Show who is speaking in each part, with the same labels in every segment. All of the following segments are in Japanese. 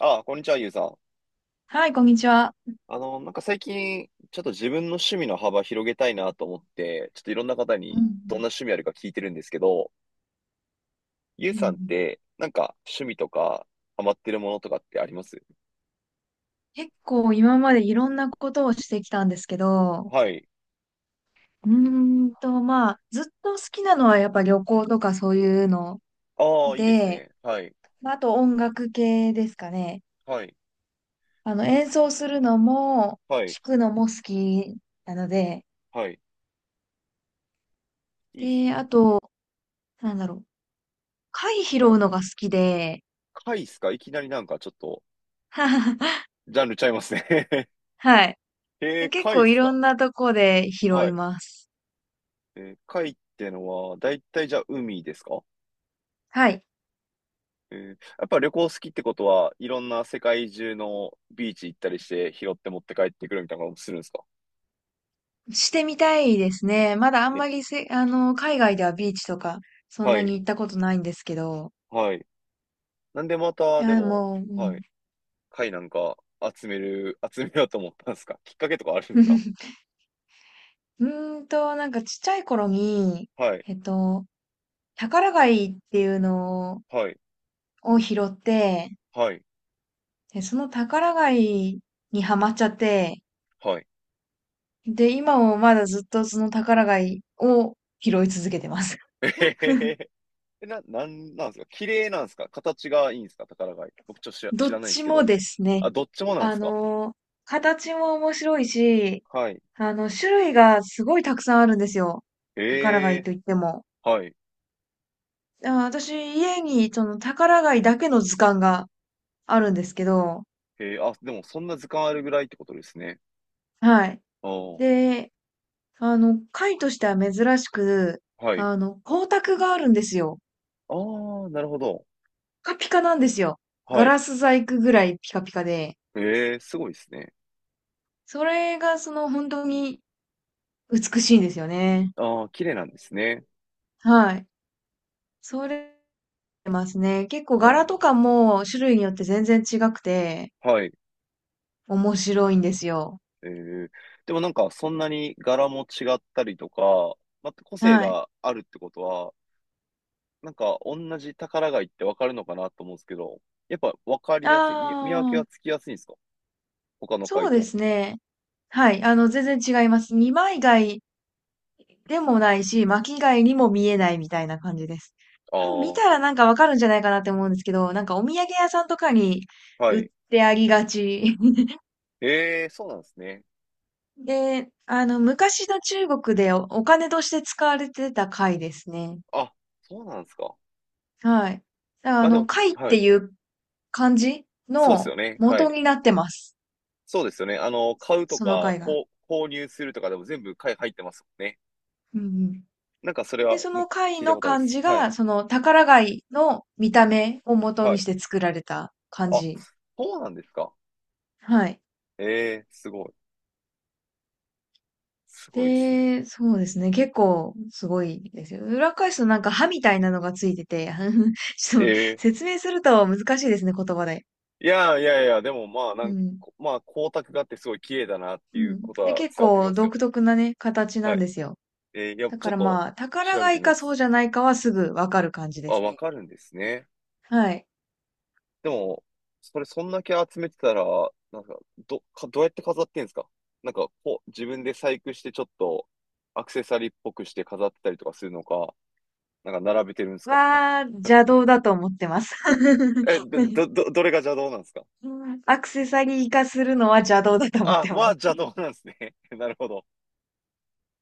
Speaker 1: ああ、こんにちは、ゆうさん。
Speaker 2: はい、こんにちは。
Speaker 1: なんか最近、ちょっと自分の趣味の幅広げたいなと思って、ちょっといろんな方
Speaker 2: う
Speaker 1: に
Speaker 2: ん
Speaker 1: どんな趣味あるか聞いてるんですけど、ゆう
Speaker 2: うんう
Speaker 1: さんっ
Speaker 2: ん
Speaker 1: て、なんか趣味とか、ハマってるものとかってあります
Speaker 2: 結構今までいろんなことをしてきたんですけど、
Speaker 1: はい。
Speaker 2: まあ、ずっと好きなのはやっぱ旅行とかそういうの
Speaker 1: ああ、いいです
Speaker 2: で、
Speaker 1: ね。はい。
Speaker 2: まああと音楽系ですかね。
Speaker 1: はい。いいで
Speaker 2: 演
Speaker 1: す。
Speaker 2: 奏するのも、
Speaker 1: はい。
Speaker 2: 弾くのも好きなので、
Speaker 1: はい。いいです
Speaker 2: で、
Speaker 1: ね。
Speaker 2: あと、なんだろう、貝拾うのが好きで、
Speaker 1: 貝っすか？いきなりなんかちょっと、ジャンルちゃいますね。
Speaker 2: はい。
Speaker 1: えー、
Speaker 2: 結
Speaker 1: 貝っ
Speaker 2: 構い
Speaker 1: す
Speaker 2: ろ
Speaker 1: か？
Speaker 2: んなとこで拾
Speaker 1: は
Speaker 2: い
Speaker 1: い。
Speaker 2: ます。
Speaker 1: えー、貝ってのは、だいたいじゃあ海ですか？
Speaker 2: はい。
Speaker 1: えー、やっぱ旅行好きってことは、いろんな世界中のビーチ行ったりして、拾って持って帰ってくるみたいなこともするんですか？
Speaker 2: してみたいですね。まだあん
Speaker 1: え、
Speaker 2: まりせ、海外ではビーチとか、そん
Speaker 1: は
Speaker 2: な
Speaker 1: い、
Speaker 2: に行ったことないんですけど。
Speaker 1: はい。なんでま
Speaker 2: い
Speaker 1: た、で
Speaker 2: や、
Speaker 1: も、
Speaker 2: もう、う
Speaker 1: は
Speaker 2: ん。
Speaker 1: い、貝なんか集める、集めようと思ったんですか？きっかけとかあるんですか？
Speaker 2: うなんかちっちゃい頃に、
Speaker 1: はい、
Speaker 2: えっと、宝貝っていうの
Speaker 1: はい、
Speaker 2: を拾って、
Speaker 1: はい、
Speaker 2: で、その宝貝にハマっちゃって、
Speaker 1: はい。
Speaker 2: で、今もまだずっとその宝貝を拾い続けてます。
Speaker 1: えへへへ。な、なんなんですか？綺麗なんですか？形がいいんですか、宝貝。僕ちょっと知ら、
Speaker 2: ど
Speaker 1: 知
Speaker 2: っ
Speaker 1: らないんで
Speaker 2: ち
Speaker 1: すけ
Speaker 2: も
Speaker 1: ど。
Speaker 2: ですね。
Speaker 1: あ、どっちもなんで
Speaker 2: あ
Speaker 1: すか？
Speaker 2: の、形も面白いし、
Speaker 1: はい。
Speaker 2: 種類がすごいたくさんあるんですよ。宝
Speaker 1: え
Speaker 2: 貝
Speaker 1: え、
Speaker 2: といっても。
Speaker 1: はい。
Speaker 2: あ、私、家にその宝貝だけの図鑑があるんですけど、
Speaker 1: えー、あ、でもそんな図鑑あるぐらいってことですね。
Speaker 2: はい。
Speaker 1: ああ、
Speaker 2: で、貝としては珍しく、
Speaker 1: はい。
Speaker 2: 光沢があるんですよ。
Speaker 1: ああ、なるほど。
Speaker 2: ピカピカなんですよ。ガ
Speaker 1: はい。
Speaker 2: ラス細工ぐらいピカピカで、
Speaker 1: ええ、すごいですね。
Speaker 2: それがその本当に美しいんですよね。
Speaker 1: ああ、綺麗なんですね。
Speaker 2: はい。それますね。結構
Speaker 1: あー、
Speaker 2: 柄とかも種類によって全然違くて、
Speaker 1: はい。
Speaker 2: 面白いんですよ。
Speaker 1: ええ、でもなんか、そんなに柄も違ったりとか、また個性
Speaker 2: はい。
Speaker 1: があるってことは、なんか、同じ宝貝ってわかるのかなと思うんですけど、やっぱわかりやすい、見、見分け
Speaker 2: ああ、
Speaker 1: がつきやすいんですか、他の
Speaker 2: そう
Speaker 1: 貝
Speaker 2: で
Speaker 1: と。
Speaker 2: すね。はい。全然違います。二枚貝でもないし、巻き貝にも見えないみたいな感じです。多分見
Speaker 1: ああ、
Speaker 2: たらなんかわかるんじゃないかなって思うんですけど、なんかお土産屋さんとかに
Speaker 1: は
Speaker 2: 売っ
Speaker 1: い。
Speaker 2: てありがち。
Speaker 1: ええ、そうなんですね。
Speaker 2: で、昔の中国でお金として使われてた貝ですね。
Speaker 1: あ、そうなんですか。
Speaker 2: はい。だから
Speaker 1: まあでも、
Speaker 2: 貝っ
Speaker 1: は
Speaker 2: て
Speaker 1: い。
Speaker 2: いう感じ
Speaker 1: そうですよ
Speaker 2: の
Speaker 1: ね。は
Speaker 2: 元
Speaker 1: い。
Speaker 2: になってます。
Speaker 1: そうですよね。買うと
Speaker 2: その
Speaker 1: か、
Speaker 2: 貝が。
Speaker 1: こう、購入するとかでも全部買い入ってますもんね。
Speaker 2: うんうん。
Speaker 1: なんかそれ
Speaker 2: で、
Speaker 1: は
Speaker 2: そ
Speaker 1: む
Speaker 2: の貝
Speaker 1: 聞いた
Speaker 2: の
Speaker 1: ことあるで
Speaker 2: 漢
Speaker 1: す。
Speaker 2: 字
Speaker 1: はい。
Speaker 2: が、その宝貝の見た目を元
Speaker 1: は
Speaker 2: に
Speaker 1: い。
Speaker 2: して作られた漢
Speaker 1: あ、
Speaker 2: 字
Speaker 1: そうなんですか。
Speaker 2: はい。
Speaker 1: ええ、すごい。すごいですね。
Speaker 2: で、そうですね。結構すごいですよ。裏返すとなんか歯みたいなのがついてて、ちょっと
Speaker 1: ええ、
Speaker 2: 説明すると難しいですね、言葉で。
Speaker 1: いやいやいや、でもまあ、な
Speaker 2: う
Speaker 1: ん
Speaker 2: ん。
Speaker 1: こまあ、光沢があってすごい綺麗だなって
Speaker 2: う
Speaker 1: いう
Speaker 2: ん。
Speaker 1: こと
Speaker 2: で、
Speaker 1: は
Speaker 2: 結
Speaker 1: 伝わってき
Speaker 2: 構
Speaker 1: ますよ。
Speaker 2: 独特なね、形な
Speaker 1: は
Speaker 2: ん
Speaker 1: い。
Speaker 2: ですよ。
Speaker 1: ええ、いや、
Speaker 2: だ
Speaker 1: ち
Speaker 2: か
Speaker 1: ょっ
Speaker 2: ら
Speaker 1: と
Speaker 2: まあ、宝
Speaker 1: 調べて
Speaker 2: 貝
Speaker 1: みま
Speaker 2: かそう
Speaker 1: す。
Speaker 2: じゃないかはすぐわかる感じで
Speaker 1: あ、
Speaker 2: す
Speaker 1: わ
Speaker 2: ね。
Speaker 1: かるんですね。
Speaker 2: はい。
Speaker 1: でも、それそんだけ集めてたら、なんか、ど、か、どうやって飾ってんすか？なんか、こう、自分で細工してちょっと、アクセサリーっぽくして飾ってたりとかするのか、なんか並べてるんですか？
Speaker 2: 邪道だと思ってます。
Speaker 1: え、ど、ど、どどれが邪道なんですか？
Speaker 2: アクセサリー化するのは邪道だと思っ
Speaker 1: あ、
Speaker 2: てます。
Speaker 1: は邪道なんですね。なるほど。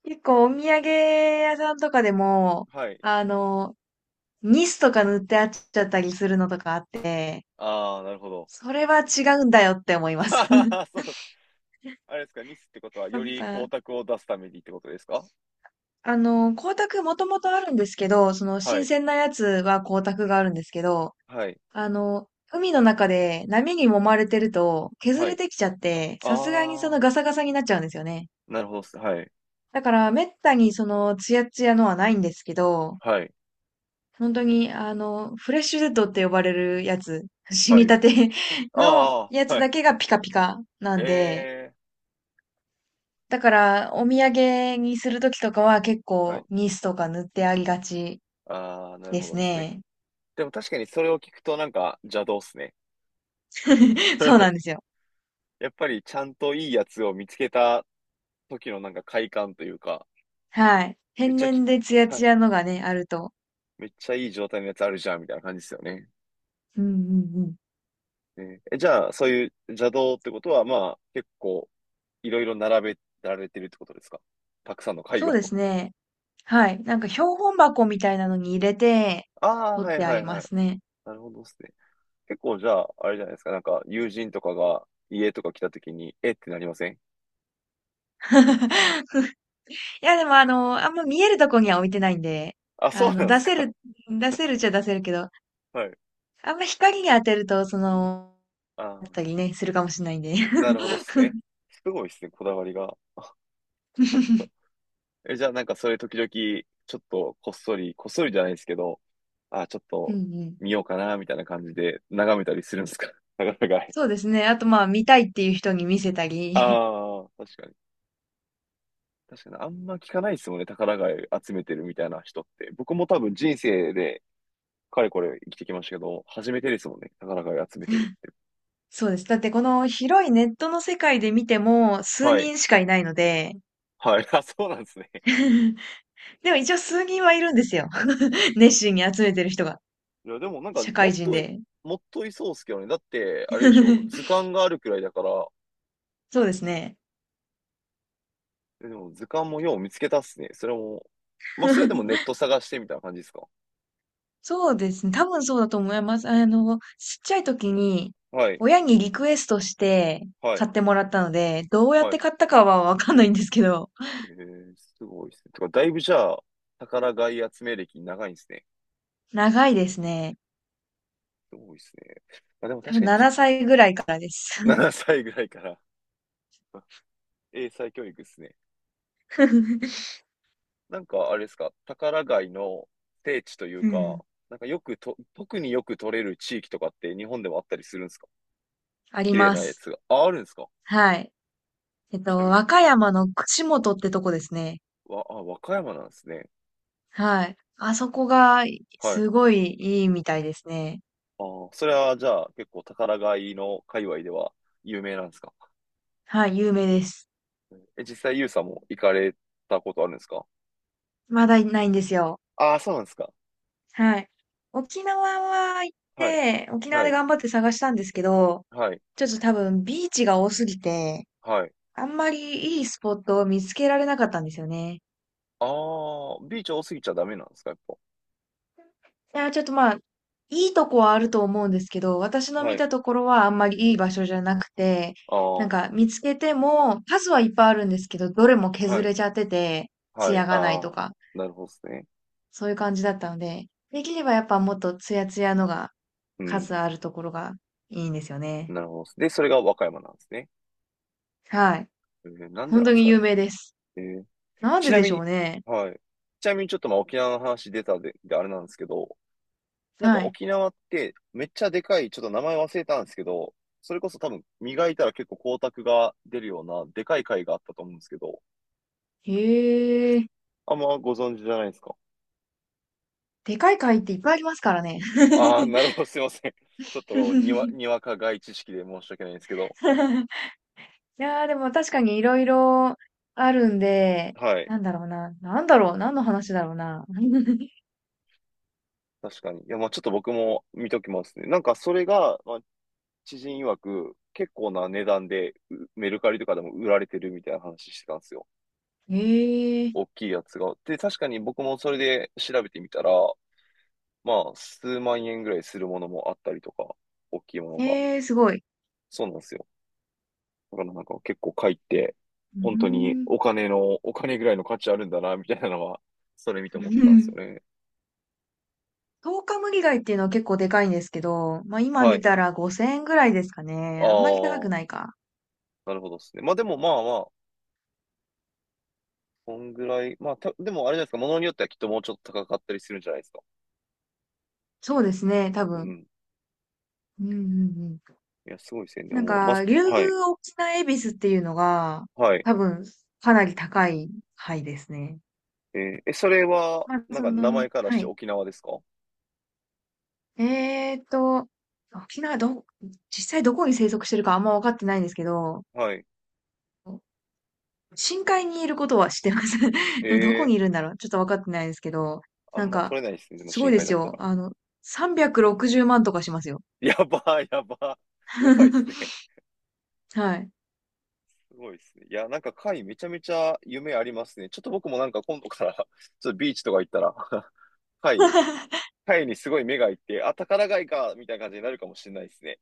Speaker 2: 結構お土産屋さんとかでも、
Speaker 1: はい。
Speaker 2: あの、ニスとか塗ってあっちゃったりするのとかあって、
Speaker 1: ああ、なるほど。
Speaker 2: それは違うんだよって思います。
Speaker 1: そう。あれですか、ニスってことは、
Speaker 2: やっ
Speaker 1: より光
Speaker 2: ぱ、
Speaker 1: 沢を出すためにってことですか？
Speaker 2: 光沢もともとあるんですけど、その
Speaker 1: は
Speaker 2: 新
Speaker 1: い。
Speaker 2: 鮮なやつは光沢があるんですけど、
Speaker 1: はい。
Speaker 2: 海の中で波に揉まれてると削
Speaker 1: は
Speaker 2: れ
Speaker 1: い。
Speaker 2: てきちゃって、さすがにその
Speaker 1: ああ、
Speaker 2: ガサガサになっちゃうんですよね。
Speaker 1: なるほどっす。はい。
Speaker 2: だから、めったにその、ツヤツヤのはないんですけど、
Speaker 1: はい。
Speaker 2: 本当に、フレッシュデッドって呼ばれるやつ、死
Speaker 1: は
Speaker 2: に
Speaker 1: い。
Speaker 2: たて の
Speaker 1: あ
Speaker 2: や
Speaker 1: あ、
Speaker 2: つ
Speaker 1: は
Speaker 2: だ
Speaker 1: い。
Speaker 2: けがピカピカな
Speaker 1: へ
Speaker 2: んで、
Speaker 1: え。
Speaker 2: だから、お土産にするときとかは結
Speaker 1: は
Speaker 2: 構、
Speaker 1: い。
Speaker 2: ニスとか塗ってありがち
Speaker 1: ああ、なる
Speaker 2: で
Speaker 1: ほ
Speaker 2: す
Speaker 1: どですね。
Speaker 2: ね。
Speaker 1: でも確かにそれを聞くとなんか邪道っすね。
Speaker 2: そうなんです よ。
Speaker 1: やっぱりちゃんといいやつを見つけた時のなんか快感というか、
Speaker 2: はい。
Speaker 1: めっ
Speaker 2: 天
Speaker 1: ちゃき、
Speaker 2: 然でツヤ
Speaker 1: は
Speaker 2: ツ
Speaker 1: い。
Speaker 2: ヤのがね、あると。
Speaker 1: めっちゃいい状態のやつあるじゃんみたいな感じですよね。
Speaker 2: うんうんうん。
Speaker 1: ねえ、じゃあ、そういう邪道ってことは、まあ、結構いろいろ並べられてるってことですか？たくさんの会
Speaker 2: そ
Speaker 1: を。
Speaker 2: うで すね。はい。なんか標本箱みたいなのに入れて、
Speaker 1: ああ、
Speaker 2: 取
Speaker 1: は
Speaker 2: っ
Speaker 1: い
Speaker 2: てあ
Speaker 1: は
Speaker 2: り
Speaker 1: いは
Speaker 2: ま
Speaker 1: い。
Speaker 2: すね。
Speaker 1: なるほどですね。結構じゃあ、あれじゃないですか。なんか友人とかが家とか来た時に、えってなりません？
Speaker 2: いや、でもあんま見えるとこには置いてないんで、
Speaker 1: あ、そ
Speaker 2: あ
Speaker 1: う
Speaker 2: の、
Speaker 1: なんで
Speaker 2: 出
Speaker 1: す
Speaker 2: せ
Speaker 1: か。
Speaker 2: る、出せるっちゃ出せるけど、
Speaker 1: はい。
Speaker 2: あんま光に当てると、その、
Speaker 1: あ
Speaker 2: だった
Speaker 1: あ。
Speaker 2: りね、するかもしれないんで。
Speaker 1: なるほどっ すね。すごいっすね、こだわりが。え、じゃあなんかそれ時々、ちょっとこっそり、こっそりじゃないですけど、あ、ちょっ
Speaker 2: うん
Speaker 1: と
Speaker 2: うん。
Speaker 1: 見ようかな、みたいな感じで眺めたりするんですか？ 宝貝。
Speaker 2: そうですね。あとまあ、見たいっていう人に見せたり。
Speaker 1: ああ、確かに。確かに、あんま聞かないですもんね、宝貝集めてるみたいな人って。僕も多分人生で、かれこれ生きてきましたけど、初めてですもんね、宝貝集めてるって。
Speaker 2: そうです。だってこの広いネットの世界で見ても、数
Speaker 1: はい。
Speaker 2: 人しかいないので、
Speaker 1: はい。あ、そうなんですね。
Speaker 2: でも一応数人はいるんですよ。熱心に集めてる人が。
Speaker 1: いや、でもなんか、
Speaker 2: 社
Speaker 1: も
Speaker 2: 会
Speaker 1: っ
Speaker 2: 人
Speaker 1: とい、
Speaker 2: で。
Speaker 1: もっといそうっすけどね。だって、あれでしょ、図 鑑があるくらいだから、
Speaker 2: そうですね。
Speaker 1: でも図鑑もよう見つけたっすね。それも、まあ、それでも ネット探してみたいな感じですか？
Speaker 2: そうですね。多分そうだと思います。ちっちゃい時に、
Speaker 1: はい、
Speaker 2: 親にリクエストして
Speaker 1: は
Speaker 2: 買
Speaker 1: い、
Speaker 2: ってもらったので、どうやっ
Speaker 1: は
Speaker 2: て
Speaker 1: い。
Speaker 2: 買ったかはわかんないんですけど、
Speaker 1: えー、すごいですね。てか、だいぶじゃあ、宝貝集め歴長いんですね。
Speaker 2: 長いですね。
Speaker 1: すごいですね。まあ、でも
Speaker 2: 多
Speaker 1: 確
Speaker 2: 分
Speaker 1: かにち、
Speaker 2: 7歳ぐらいからです。
Speaker 1: 7歳ぐらいから。 英才教育ですね。なんか、あれですか、宝貝の聖地という
Speaker 2: う
Speaker 1: か、
Speaker 2: ん。
Speaker 1: なんかよくと、特によく取れる地域とかって日本でもあったりするんですか？
Speaker 2: あり
Speaker 1: 綺麗
Speaker 2: ま
Speaker 1: なや
Speaker 2: す。
Speaker 1: つが。あ、あるんですか？
Speaker 2: はい。
Speaker 1: ちなみに、
Speaker 2: 和歌山の串本ってとこですね。
Speaker 1: わ、あ、和歌山なんですね。
Speaker 2: はい。あそこが、
Speaker 1: はい。
Speaker 2: すごいいいみたいですね。
Speaker 1: ああ、それはじゃあ結構宝買いの界隈では有名なんですか？
Speaker 2: はい、有名です。
Speaker 1: え、実際ユウさんも行かれたことあるんですか？
Speaker 2: まだいないんですよ。
Speaker 1: ああ、そうなんですか。
Speaker 2: はい。沖縄は行っ
Speaker 1: はい、
Speaker 2: て、沖縄
Speaker 1: は
Speaker 2: で
Speaker 1: い、
Speaker 2: 頑張って探したんですけど、
Speaker 1: はい、
Speaker 2: ちょっと多分ビーチが多すぎて、
Speaker 1: はい。
Speaker 2: あんまりいいスポットを見つけられなかったんですよね。
Speaker 1: ああ、ビーチ多すぎちゃダメなんですか、やっ
Speaker 2: いや、ちょっとまあ、いいとこはあると思うんですけど、私
Speaker 1: ぱ。
Speaker 2: の
Speaker 1: は
Speaker 2: 見
Speaker 1: い。
Speaker 2: たところはあんまりいい場所じゃなくて、
Speaker 1: あ
Speaker 2: なん
Speaker 1: あ、
Speaker 2: か見つけても数はいっぱいあるんですけど、どれも
Speaker 1: は
Speaker 2: 削
Speaker 1: い、
Speaker 2: れちゃってて、
Speaker 1: はい、
Speaker 2: 艶がない
Speaker 1: あ
Speaker 2: と
Speaker 1: あ、
Speaker 2: か、
Speaker 1: なるほどですね。
Speaker 2: そういう感じだったので、できればやっぱもっとツヤツヤのが
Speaker 1: うん、
Speaker 2: 数あるところがいいんですよね。
Speaker 1: なるほどです。で、それが和歌山なんですね。
Speaker 2: はい。
Speaker 1: えー、なんで
Speaker 2: 本
Speaker 1: なん
Speaker 2: 当
Speaker 1: です
Speaker 2: に
Speaker 1: か？
Speaker 2: 有名です。
Speaker 1: えー、
Speaker 2: なん
Speaker 1: ち
Speaker 2: で
Speaker 1: な
Speaker 2: で
Speaker 1: み
Speaker 2: しょ
Speaker 1: に、
Speaker 2: うね。
Speaker 1: はい。ちなみにちょっとまあ沖縄の話出たで、であれなんですけど、なんか
Speaker 2: はい。
Speaker 1: 沖縄ってめっちゃでかい、ちょっと名前忘れたんですけど、それこそ多分磨いたら結構光沢が出るようなでかい貝があったと思うんですけど、
Speaker 2: へえ。
Speaker 1: あんまご存知じゃないですか。
Speaker 2: でかい貝っていっぱいありますからね。
Speaker 1: ああ、なるほど、すいません。ちょっとにわ、に わか外知識で申し訳ないんですけど、
Speaker 2: いやーでも確かにいろいろあるんで、
Speaker 1: はい。
Speaker 2: なんだろうな。なんだろう。何の話だろうな。
Speaker 1: 確かに。いや、まあちょっと僕も見ときますね。なんかそれが、まあ、知人曰く結構な値段でうメルカリとかでも売られてるみたいな話してたんですよ。
Speaker 2: へえ。
Speaker 1: 大きいやつが。で、確かに僕もそれで調べてみたら、まあ、数万円ぐらいするものもあったりとか、大きいものが。
Speaker 2: えー、すごい。
Speaker 1: そうなんですよ。だからなんか結構貝って、
Speaker 2: う
Speaker 1: 本当に
Speaker 2: ー
Speaker 1: お
Speaker 2: ん。
Speaker 1: 金の、お金ぐらいの価値あるんだな、みたいなのは、それ見て思ってたんですよ ね。
Speaker 2: 10日無理貝っていうのは結構でかいんですけど、まあ今
Speaker 1: は
Speaker 2: 見
Speaker 1: い。
Speaker 2: たら5000円ぐらいですかね。あんまり高
Speaker 1: あ
Speaker 2: く
Speaker 1: あ、
Speaker 2: ないか。
Speaker 1: なるほどですね。まあでもまあまあ、こんぐらい。まあ、た、でもあれじゃないですか、ものによってはきっともうちょっと高かったりするんじゃないですか。
Speaker 2: そうですね、多
Speaker 1: う
Speaker 2: 分。
Speaker 1: ん。
Speaker 2: うんうんうん。
Speaker 1: いや、すごいですね。で
Speaker 2: なん
Speaker 1: も、ま
Speaker 2: か、竜
Speaker 1: あ、はい。
Speaker 2: 宮沖縄恵比寿っていうのが、
Speaker 1: はい。
Speaker 2: 多分、かなり高い牌ですね。
Speaker 1: えーえ、それは、
Speaker 2: まあ、
Speaker 1: なん
Speaker 2: そ
Speaker 1: か名
Speaker 2: の、
Speaker 1: 前からし
Speaker 2: は
Speaker 1: て
Speaker 2: い。
Speaker 1: 沖縄ですか？
Speaker 2: えーっと、沖縄ど、実際どこに生息してるかあんま分かってないんですけど、
Speaker 1: はい。
Speaker 2: 深海にいることは知ってます。でもどこ
Speaker 1: え
Speaker 2: に
Speaker 1: え、
Speaker 2: いるんだろうちょっと分かってないですけど、
Speaker 1: あ
Speaker 2: な
Speaker 1: ん
Speaker 2: ん
Speaker 1: ま
Speaker 2: か、
Speaker 1: 取れないですね。でも
Speaker 2: すご
Speaker 1: 深
Speaker 2: いで
Speaker 1: 海だ
Speaker 2: す
Speaker 1: った
Speaker 2: よ。
Speaker 1: ら。
Speaker 2: 360万とかしますよ。
Speaker 1: やばい、やばい、やばいですね。
Speaker 2: はい。
Speaker 1: すごいですね。いや、なんか貝めちゃめちゃ夢ありますね。ちょっと僕もなんか今度から ちょっとビーチとか行ったら 貝、貝にすごい目がいって、あ、宝貝か、みたいな感じになるかもしれないですね。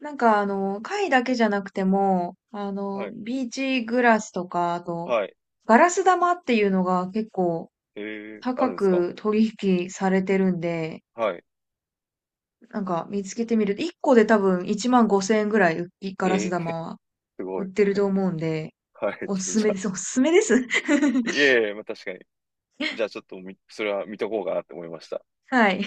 Speaker 2: なんか貝だけじゃなくても、
Speaker 1: はい。
Speaker 2: ビーチグラスとか、あと、
Speaker 1: はい。
Speaker 2: ガラス玉っていうのが結構
Speaker 1: えー、あ
Speaker 2: 高
Speaker 1: るんですか？
Speaker 2: く取引されてるんで、
Speaker 1: はい。
Speaker 2: なんか見つけてみると、1個で多分1万5千円ぐらい、うガラス
Speaker 1: え
Speaker 2: 玉
Speaker 1: ー、
Speaker 2: は
Speaker 1: すご
Speaker 2: 売っ
Speaker 1: い。
Speaker 2: てると思うんで、
Speaker 1: はい。
Speaker 2: お
Speaker 1: ちょっ
Speaker 2: す
Speaker 1: と
Speaker 2: す
Speaker 1: じゃ
Speaker 2: め
Speaker 1: あ、
Speaker 2: です。おすすめです。
Speaker 1: い えいえ、まあ確かに。じゃあちょっとみそれは見とこうかなって思いました。
Speaker 2: はい。